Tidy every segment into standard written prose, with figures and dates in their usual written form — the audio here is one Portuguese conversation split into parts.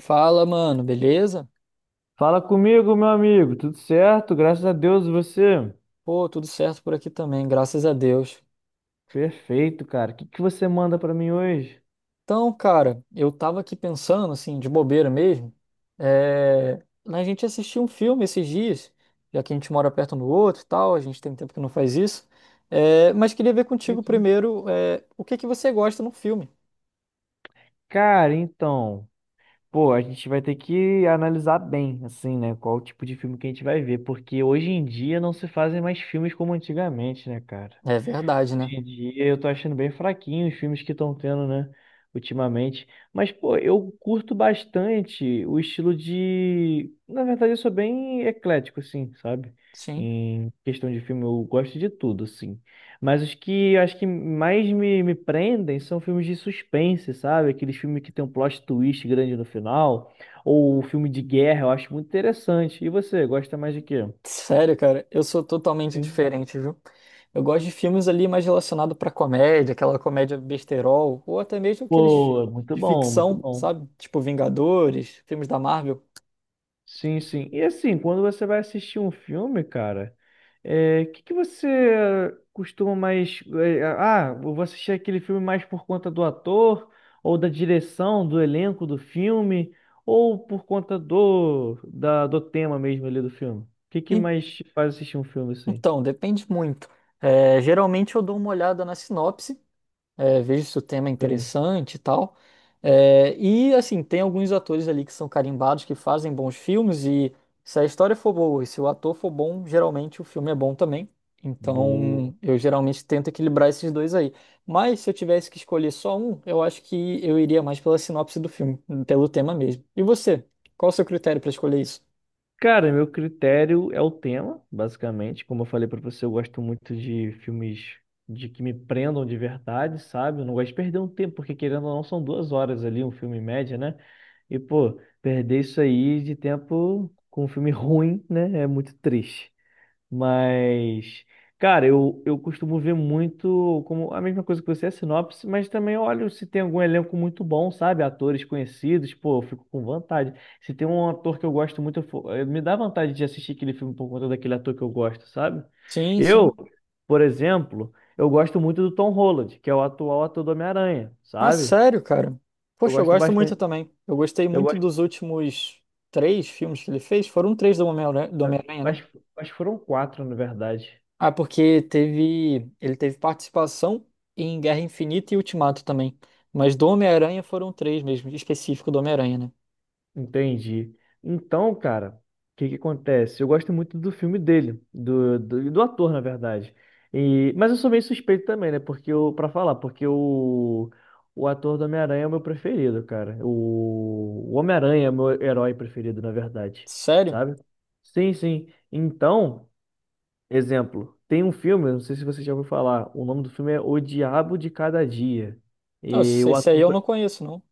Fala, mano, beleza? Fala comigo, meu amigo. Tudo certo? Graças a Deus, e você? Pô, tudo certo por aqui também, graças a Deus. Perfeito, cara. O que que você manda pra mim hoje? Então, cara, eu tava aqui pensando, assim, de bobeira mesmo, na gente assistir um filme esses dias, já que a gente mora perto um do outro e tal, a gente tem tempo que não faz isso, mas queria ver contigo Perfeito. primeiro, o que que você gosta num filme. Cara, então, pô, a gente vai ter que analisar bem, assim, né? Qual o tipo de filme que a gente vai ver, porque hoje em dia não se fazem mais filmes como antigamente, né, cara? É verdade, né? Hoje em dia eu tô achando bem fraquinho os filmes que estão tendo, né? Ultimamente. Mas, pô, eu curto bastante o estilo de. Na verdade, eu sou bem eclético, assim, sabe? Sim. Em questão de filme, eu gosto de tudo, assim. Mas os que eu acho que mais me prendem são filmes de suspense, sabe? Aqueles filmes que tem um plot twist grande no final. Ou filme de guerra, eu acho muito interessante. E você, gosta mais de quê? Sério, cara, eu sou totalmente Sim. diferente, viu? Eu gosto de filmes ali mais relacionados pra comédia, aquela comédia besterol, ou até mesmo aqueles filmes Boa, muito de bom, muito ficção, bom. sabe? Tipo Vingadores, filmes da Marvel. Sim, sim. E assim, quando você vai assistir um filme, cara, que você costuma mais, é, ah, eu vou assistir aquele filme mais por conta do ator, ou da direção, do elenco do filme, ou por conta do tema mesmo ali do filme? O que que En- mais te faz assistir um filme assim? Então, depende muito. É, geralmente eu dou uma olhada na sinopse, vejo se o tema é Sim. interessante e tal. É, e assim, tem alguns atores ali que são carimbados, que fazem bons filmes, e se a história for boa e se o ator for bom, geralmente o filme é bom também. Boa. Então, eu geralmente tento equilibrar esses dois aí. Mas se eu tivesse que escolher só um, eu acho que eu iria mais pela sinopse do filme, pelo tema mesmo. E você? Qual o seu critério para escolher isso? Cara, meu critério é o tema, basicamente. Como eu falei pra você, eu gosto muito de filmes de que me prendam de verdade, sabe? Eu não gosto de perder um tempo, porque querendo ou não, são duas horas ali, um filme em média, né? E, pô, perder isso aí de tempo com um filme ruim, né? É muito triste. Mas, cara, eu costumo ver muito como a mesma coisa que você, a sinopse, mas também olho se tem algum elenco muito bom, sabe? Atores conhecidos, pô, eu fico com vontade. Se tem um ator que eu gosto muito, me dá vontade de assistir aquele filme por conta daquele ator que eu gosto, sabe? Sim, Eu, sim. por exemplo, eu gosto muito do Tom Holland, que é o atual ator do Homem-Aranha, Ah, sabe? sério, cara? Eu Poxa, eu gosto gosto muito bastante. também. Eu gostei Eu muito gosto. dos últimos três filmes que ele fez. Foram três do eh, Homem-Aranha, né? Acho, acho que foram quatro, na verdade. Ah, porque ele teve participação em Guerra Infinita e Ultimato também. Mas do Homem-Aranha foram três mesmo, específico do Homem-Aranha, né? Entendi. Então, cara, o que que acontece? Eu gosto muito do filme dele, do ator, na verdade. E, mas eu sou meio suspeito também, né? Porque eu, pra falar, porque o ator do Homem-Aranha é o meu preferido, cara. O Homem-Aranha é o meu herói preferido, na verdade. Sério? Sabe? Sim, sim. Então, exemplo, tem um filme, eu não sei se você já ouviu falar, o nome do filme é O Diabo de Cada Dia. E Nossa, o esse aí ator. eu não conheço, não.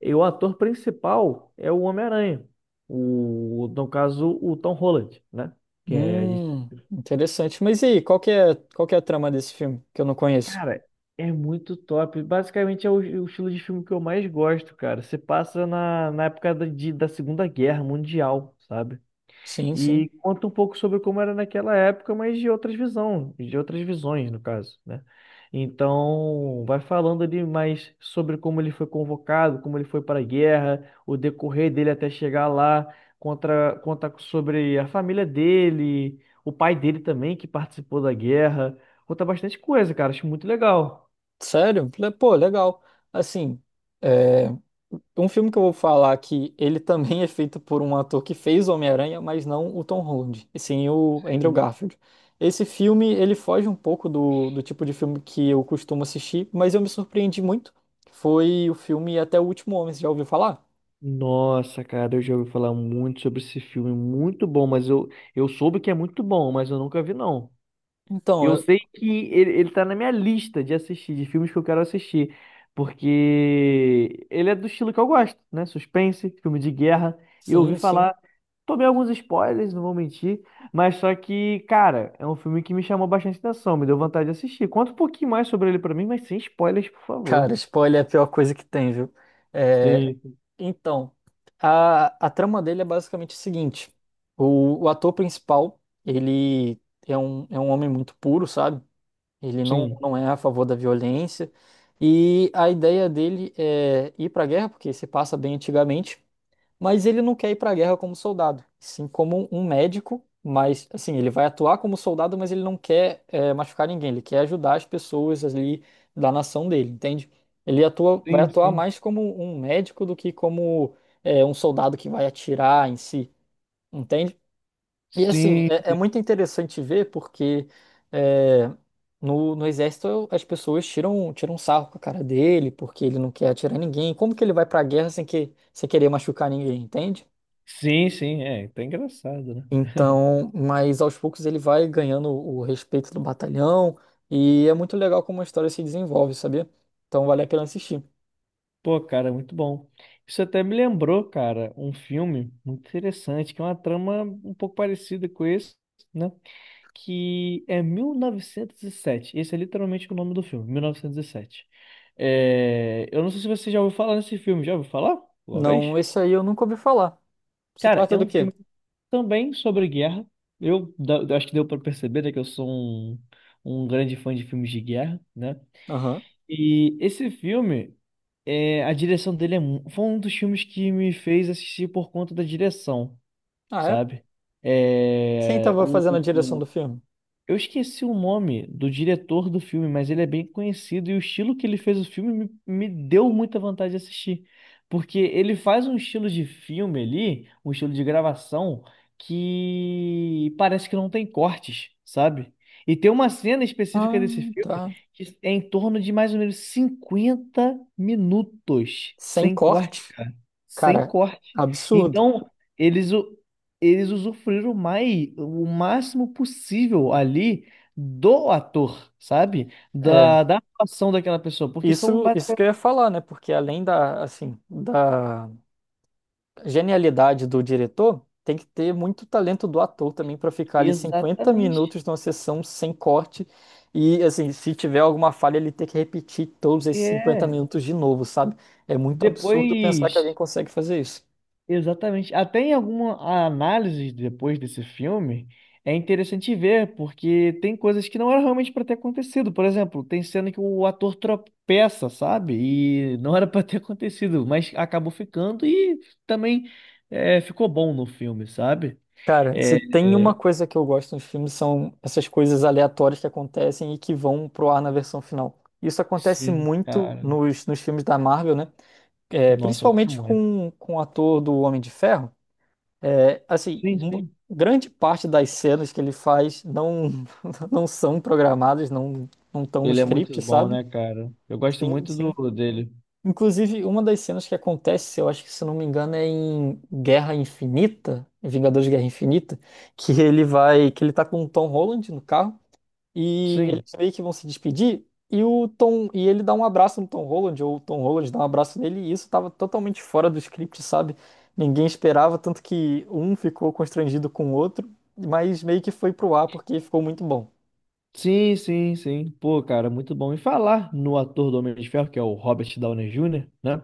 E o ator principal é o Homem-Aranha. O, no caso, o Tom Holland, né? Que é, a gente- Interessante. Mas e aí, qual que é a trama desse filme que eu não conheço? cara, é muito top. Basicamente é o estilo de filme que eu mais gosto, cara. Se passa na, na época da Segunda Guerra Mundial, sabe? Sim, sim. E conta um pouco sobre como era naquela época, mas de outras visão, de outras visões, no caso, né? Então, vai falando ali mais sobre como ele foi convocado, como ele foi para a guerra, o decorrer dele até chegar lá, conta sobre a família dele, o pai dele também, que participou da guerra. Conta bastante coisa, cara. Acho muito legal. Sério? Pô, legal. Assim, é, um filme que eu vou falar que ele também é feito por um ator que fez Homem-Aranha, mas não o Tom Holland, e sim o Andrew Sim. Garfield. Esse filme, ele foge um pouco do tipo de filme que eu costumo assistir, mas eu me surpreendi muito. Foi o filme Até o Último Homem, você já ouviu falar? Nossa, cara, eu já ouvi falar muito sobre esse filme, muito bom, mas eu soube que é muito bom, mas eu nunca vi, não. Então, Eu sei que ele tá na minha lista de assistir, de filmes que eu quero assistir, porque ele é do estilo que eu gosto, né? Suspense, filme de guerra. E eu ouvi sim, sim. falar, tomei alguns spoilers, não vou mentir, mas só que, cara, é um filme que me chamou bastante atenção, me deu vontade de assistir. Conta um pouquinho mais sobre ele pra mim, mas sem spoilers, por favor. Cara, spoiler é a pior coisa que tem, viu? É. Sim, Então, a trama dele é basicamente o seguinte. O ator principal, ele é um homem muito puro, sabe? Ele não, sim, não é a favor da violência. E a ideia dele é ir para a guerra, porque se passa bem antigamente, mas ele não quer ir para a guerra como soldado, sim como um médico, mas assim, ele vai atuar como soldado, mas ele não quer machucar ninguém, ele quer ajudar as pessoas ali da nação dele, entende? Ele atua, vai sim, atuar sim. mais como um médico do que como um soldado que vai atirar em si, entende? E assim, Sim, é muito interessante ver porque é, no exército as pessoas tiram um sarro com a cara dele porque ele não quer atirar ninguém. Como que ele vai pra guerra sem querer machucar ninguém, entende? sim, sim, é, tá engraçado, né? Então, mas aos poucos ele vai ganhando o respeito do batalhão e é muito legal como a história se desenvolve, sabia? Então vale a pena assistir. Pô, cara, muito bom. Isso até me lembrou, cara, um filme muito interessante, que é uma trama um pouco parecida com esse, né? Que é mil novecentos e sete. Esse é literalmente o nome do filme, mil novecentos e sete. Eu não sei se você já ouviu falar nesse filme. Já ouviu falar? Uma Não, vez? esse aí eu nunca ouvi falar. Se Cara, trata é do um quê? filme também sobre guerra. Eu acho que deu pra perceber, né, que eu sou um, um grande fã de filmes de guerra, né? Aham. E esse filme, a direção dele é, mu- foi um dos filmes que me fez assistir por conta da direção, Ah, é? sabe? Quem É, tava o, fazendo a direção do o- filme? eu esqueci o nome do diretor do filme, mas ele é bem conhecido e o estilo que ele fez o filme me deu muita vontade de assistir. Porque ele faz um estilo de filme ali, um estilo de gravação, que parece que não tem cortes, sabe? E tem uma cena específica Ah, desse filme tá. que é em torno de mais ou menos 50 minutos, Sem sem corte, corte. cara. Sem Cara, corte. absurdo. Então, eles, eles usufruíram mais, o máximo possível ali do ator, sabe? É, Da atuação daquela pessoa, porque são isso que basicamente... eu ia falar, né? Porque além da, assim, da genialidade do diretor, tem que ter muito talento do ator também para ficar ali 50 Exatamente. minutos numa sessão sem corte e, assim, se tiver alguma falha, ele ter que repetir todos esses 50 É. minutos de novo, sabe? É muito absurdo pensar que alguém Depois, consegue fazer isso. Exatamente. Até em alguma análise depois desse filme, é interessante ver, porque tem coisas que não eram realmente para ter acontecido. Por exemplo, tem cena que o ator tropeça, sabe? E não era para ter acontecido, mas acabou ficando e também ficou bom no filme, sabe? Cara, É, se tem uma é, coisa que eu gosto nos filmes são essas coisas aleatórias que acontecem e que vão pro ar na versão final. Isso acontece sim, muito cara. nos filmes da Marvel, né? É, Nossa, eu gosto principalmente muito. com o ator do Homem de Ferro. É, assim, Sim, sim. grande parte das cenas que ele faz não, não são programadas, não estão no Ele é muito script, bom, sabe? né, cara? Eu gosto Sim, muito sim. do dele. Inclusive, uma das cenas que acontece, eu acho que se não me engano, é em Guerra Infinita, em Vingadores de Guerra Infinita, que ele tá com o Tom Holland no carro e eles Sim. meio que vão se despedir e e ele dá um abraço no Tom Holland ou o Tom Holland dá um abraço nele e isso tava totalmente fora do script, sabe? Ninguém esperava, tanto que um ficou constrangido com o outro, mas meio que foi pro ar porque ficou muito bom. Sim, sim, sim. Pô, cara, muito bom. E falar no ator do Homem de Ferro, que é o Robert Downey Jr., né?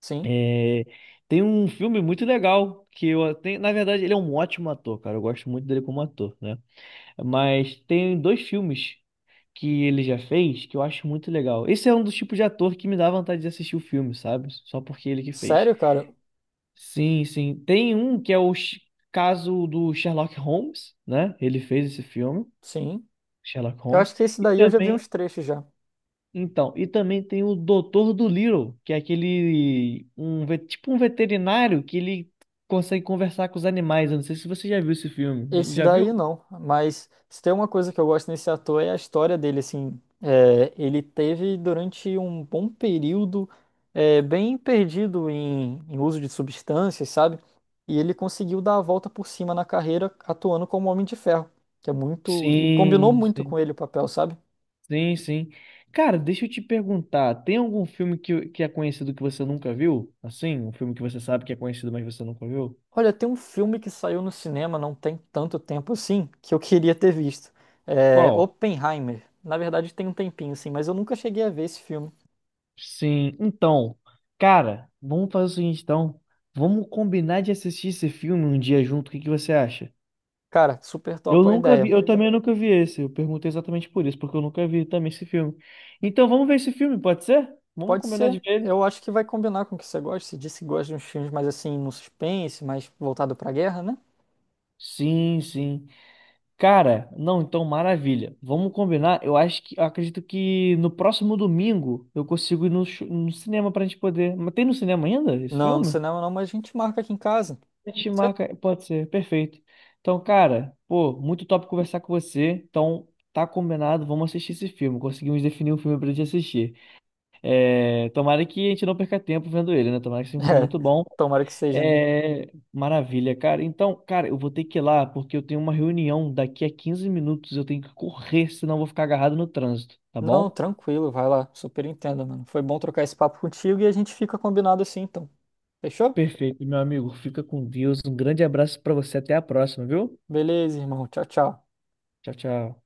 Sim. É, tem um filme muito legal que eu tenho. Na verdade, ele é um ótimo ator, cara. Eu gosto muito dele como ator, né? Mas tem dois filmes que ele já fez que eu acho muito legal. Esse é um dos tipos de ator que me dá vontade de assistir o filme, sabe? Só porque ele que fez. Sério, cara? Sim, sim. Tem um que é o Sh- caso do Sherlock Holmes, né? Ele fez esse filme, Sim. Sherlock Eu Holmes. acho que esse E daí eu já vi também uns trechos já. Então, e também tem o Doutor do Little, que é aquele um ve- tipo um veterinário que ele consegue conversar com os animais. Eu não sei se você já viu esse filme. Esse Já viu? daí não, mas se tem uma coisa que eu gosto nesse ator é a história dele, assim, ele teve durante um bom período, bem perdido em uso de substâncias, sabe? E ele conseguiu dar a volta por cima na carreira atuando como Homem de Ferro, que é muito, e combinou Sim, muito sim, com ele o papel, sabe? sim, sim. Cara, deixa eu te perguntar, tem algum filme que é conhecido que você nunca viu? Assim, um filme que você sabe que é conhecido, mas você nunca viu? Olha, tem um filme que saiu no cinema não tem tanto tempo assim, que eu queria ter visto, Qual? Oppenheimer. Na verdade tem um tempinho, assim, mas eu nunca cheguei a ver esse filme. Sim, então, cara, vamos fazer o seguinte, então. Vamos combinar de assistir esse filme um dia junto. O que que você acha? Cara, super Eu top a nunca vi, ideia. eu também nunca vi esse. Eu perguntei exatamente por isso, porque eu nunca vi também esse filme. Então vamos ver esse filme, pode ser? Vamos Pode combinar ser. de ver ele? Eu acho que vai combinar com o que você gosta. Você disse que gosta de uns filmes mais assim, no suspense, mais voltado pra guerra, né? Sim, sim. Cara, não, então maravilha. Vamos combinar. Eu acho que, eu acredito que no próximo domingo eu consigo ir no, chu- no cinema pra gente poder. Mas tem no cinema ainda esse Não, no filme? cinema não, mas a gente marca aqui em casa. A gente Pode ser? marca, pode ser, perfeito. Então, cara, pô, muito top conversar com você. Então, tá combinado, vamos assistir esse filme. Conseguimos definir um filme pra gente assistir. É, tomara que a gente não perca tempo vendo ele, né? Tomara que seja um filme É, muito bom. tomara que seja, né? É, maravilha, cara. Então, cara, eu vou ter que ir lá porque eu tenho uma reunião daqui a 15 minutos. Eu tenho que correr, senão eu vou ficar agarrado no trânsito, tá Não, bom? tranquilo, vai lá. Super entendo, mano. Foi bom trocar esse papo contigo e a gente fica combinado assim, então. Fechou? Perfeito, meu amigo. Fica com Deus. Um grande abraço pra você. Até a próxima, viu? Beleza, irmão. Tchau, tchau. Tchau, tchau.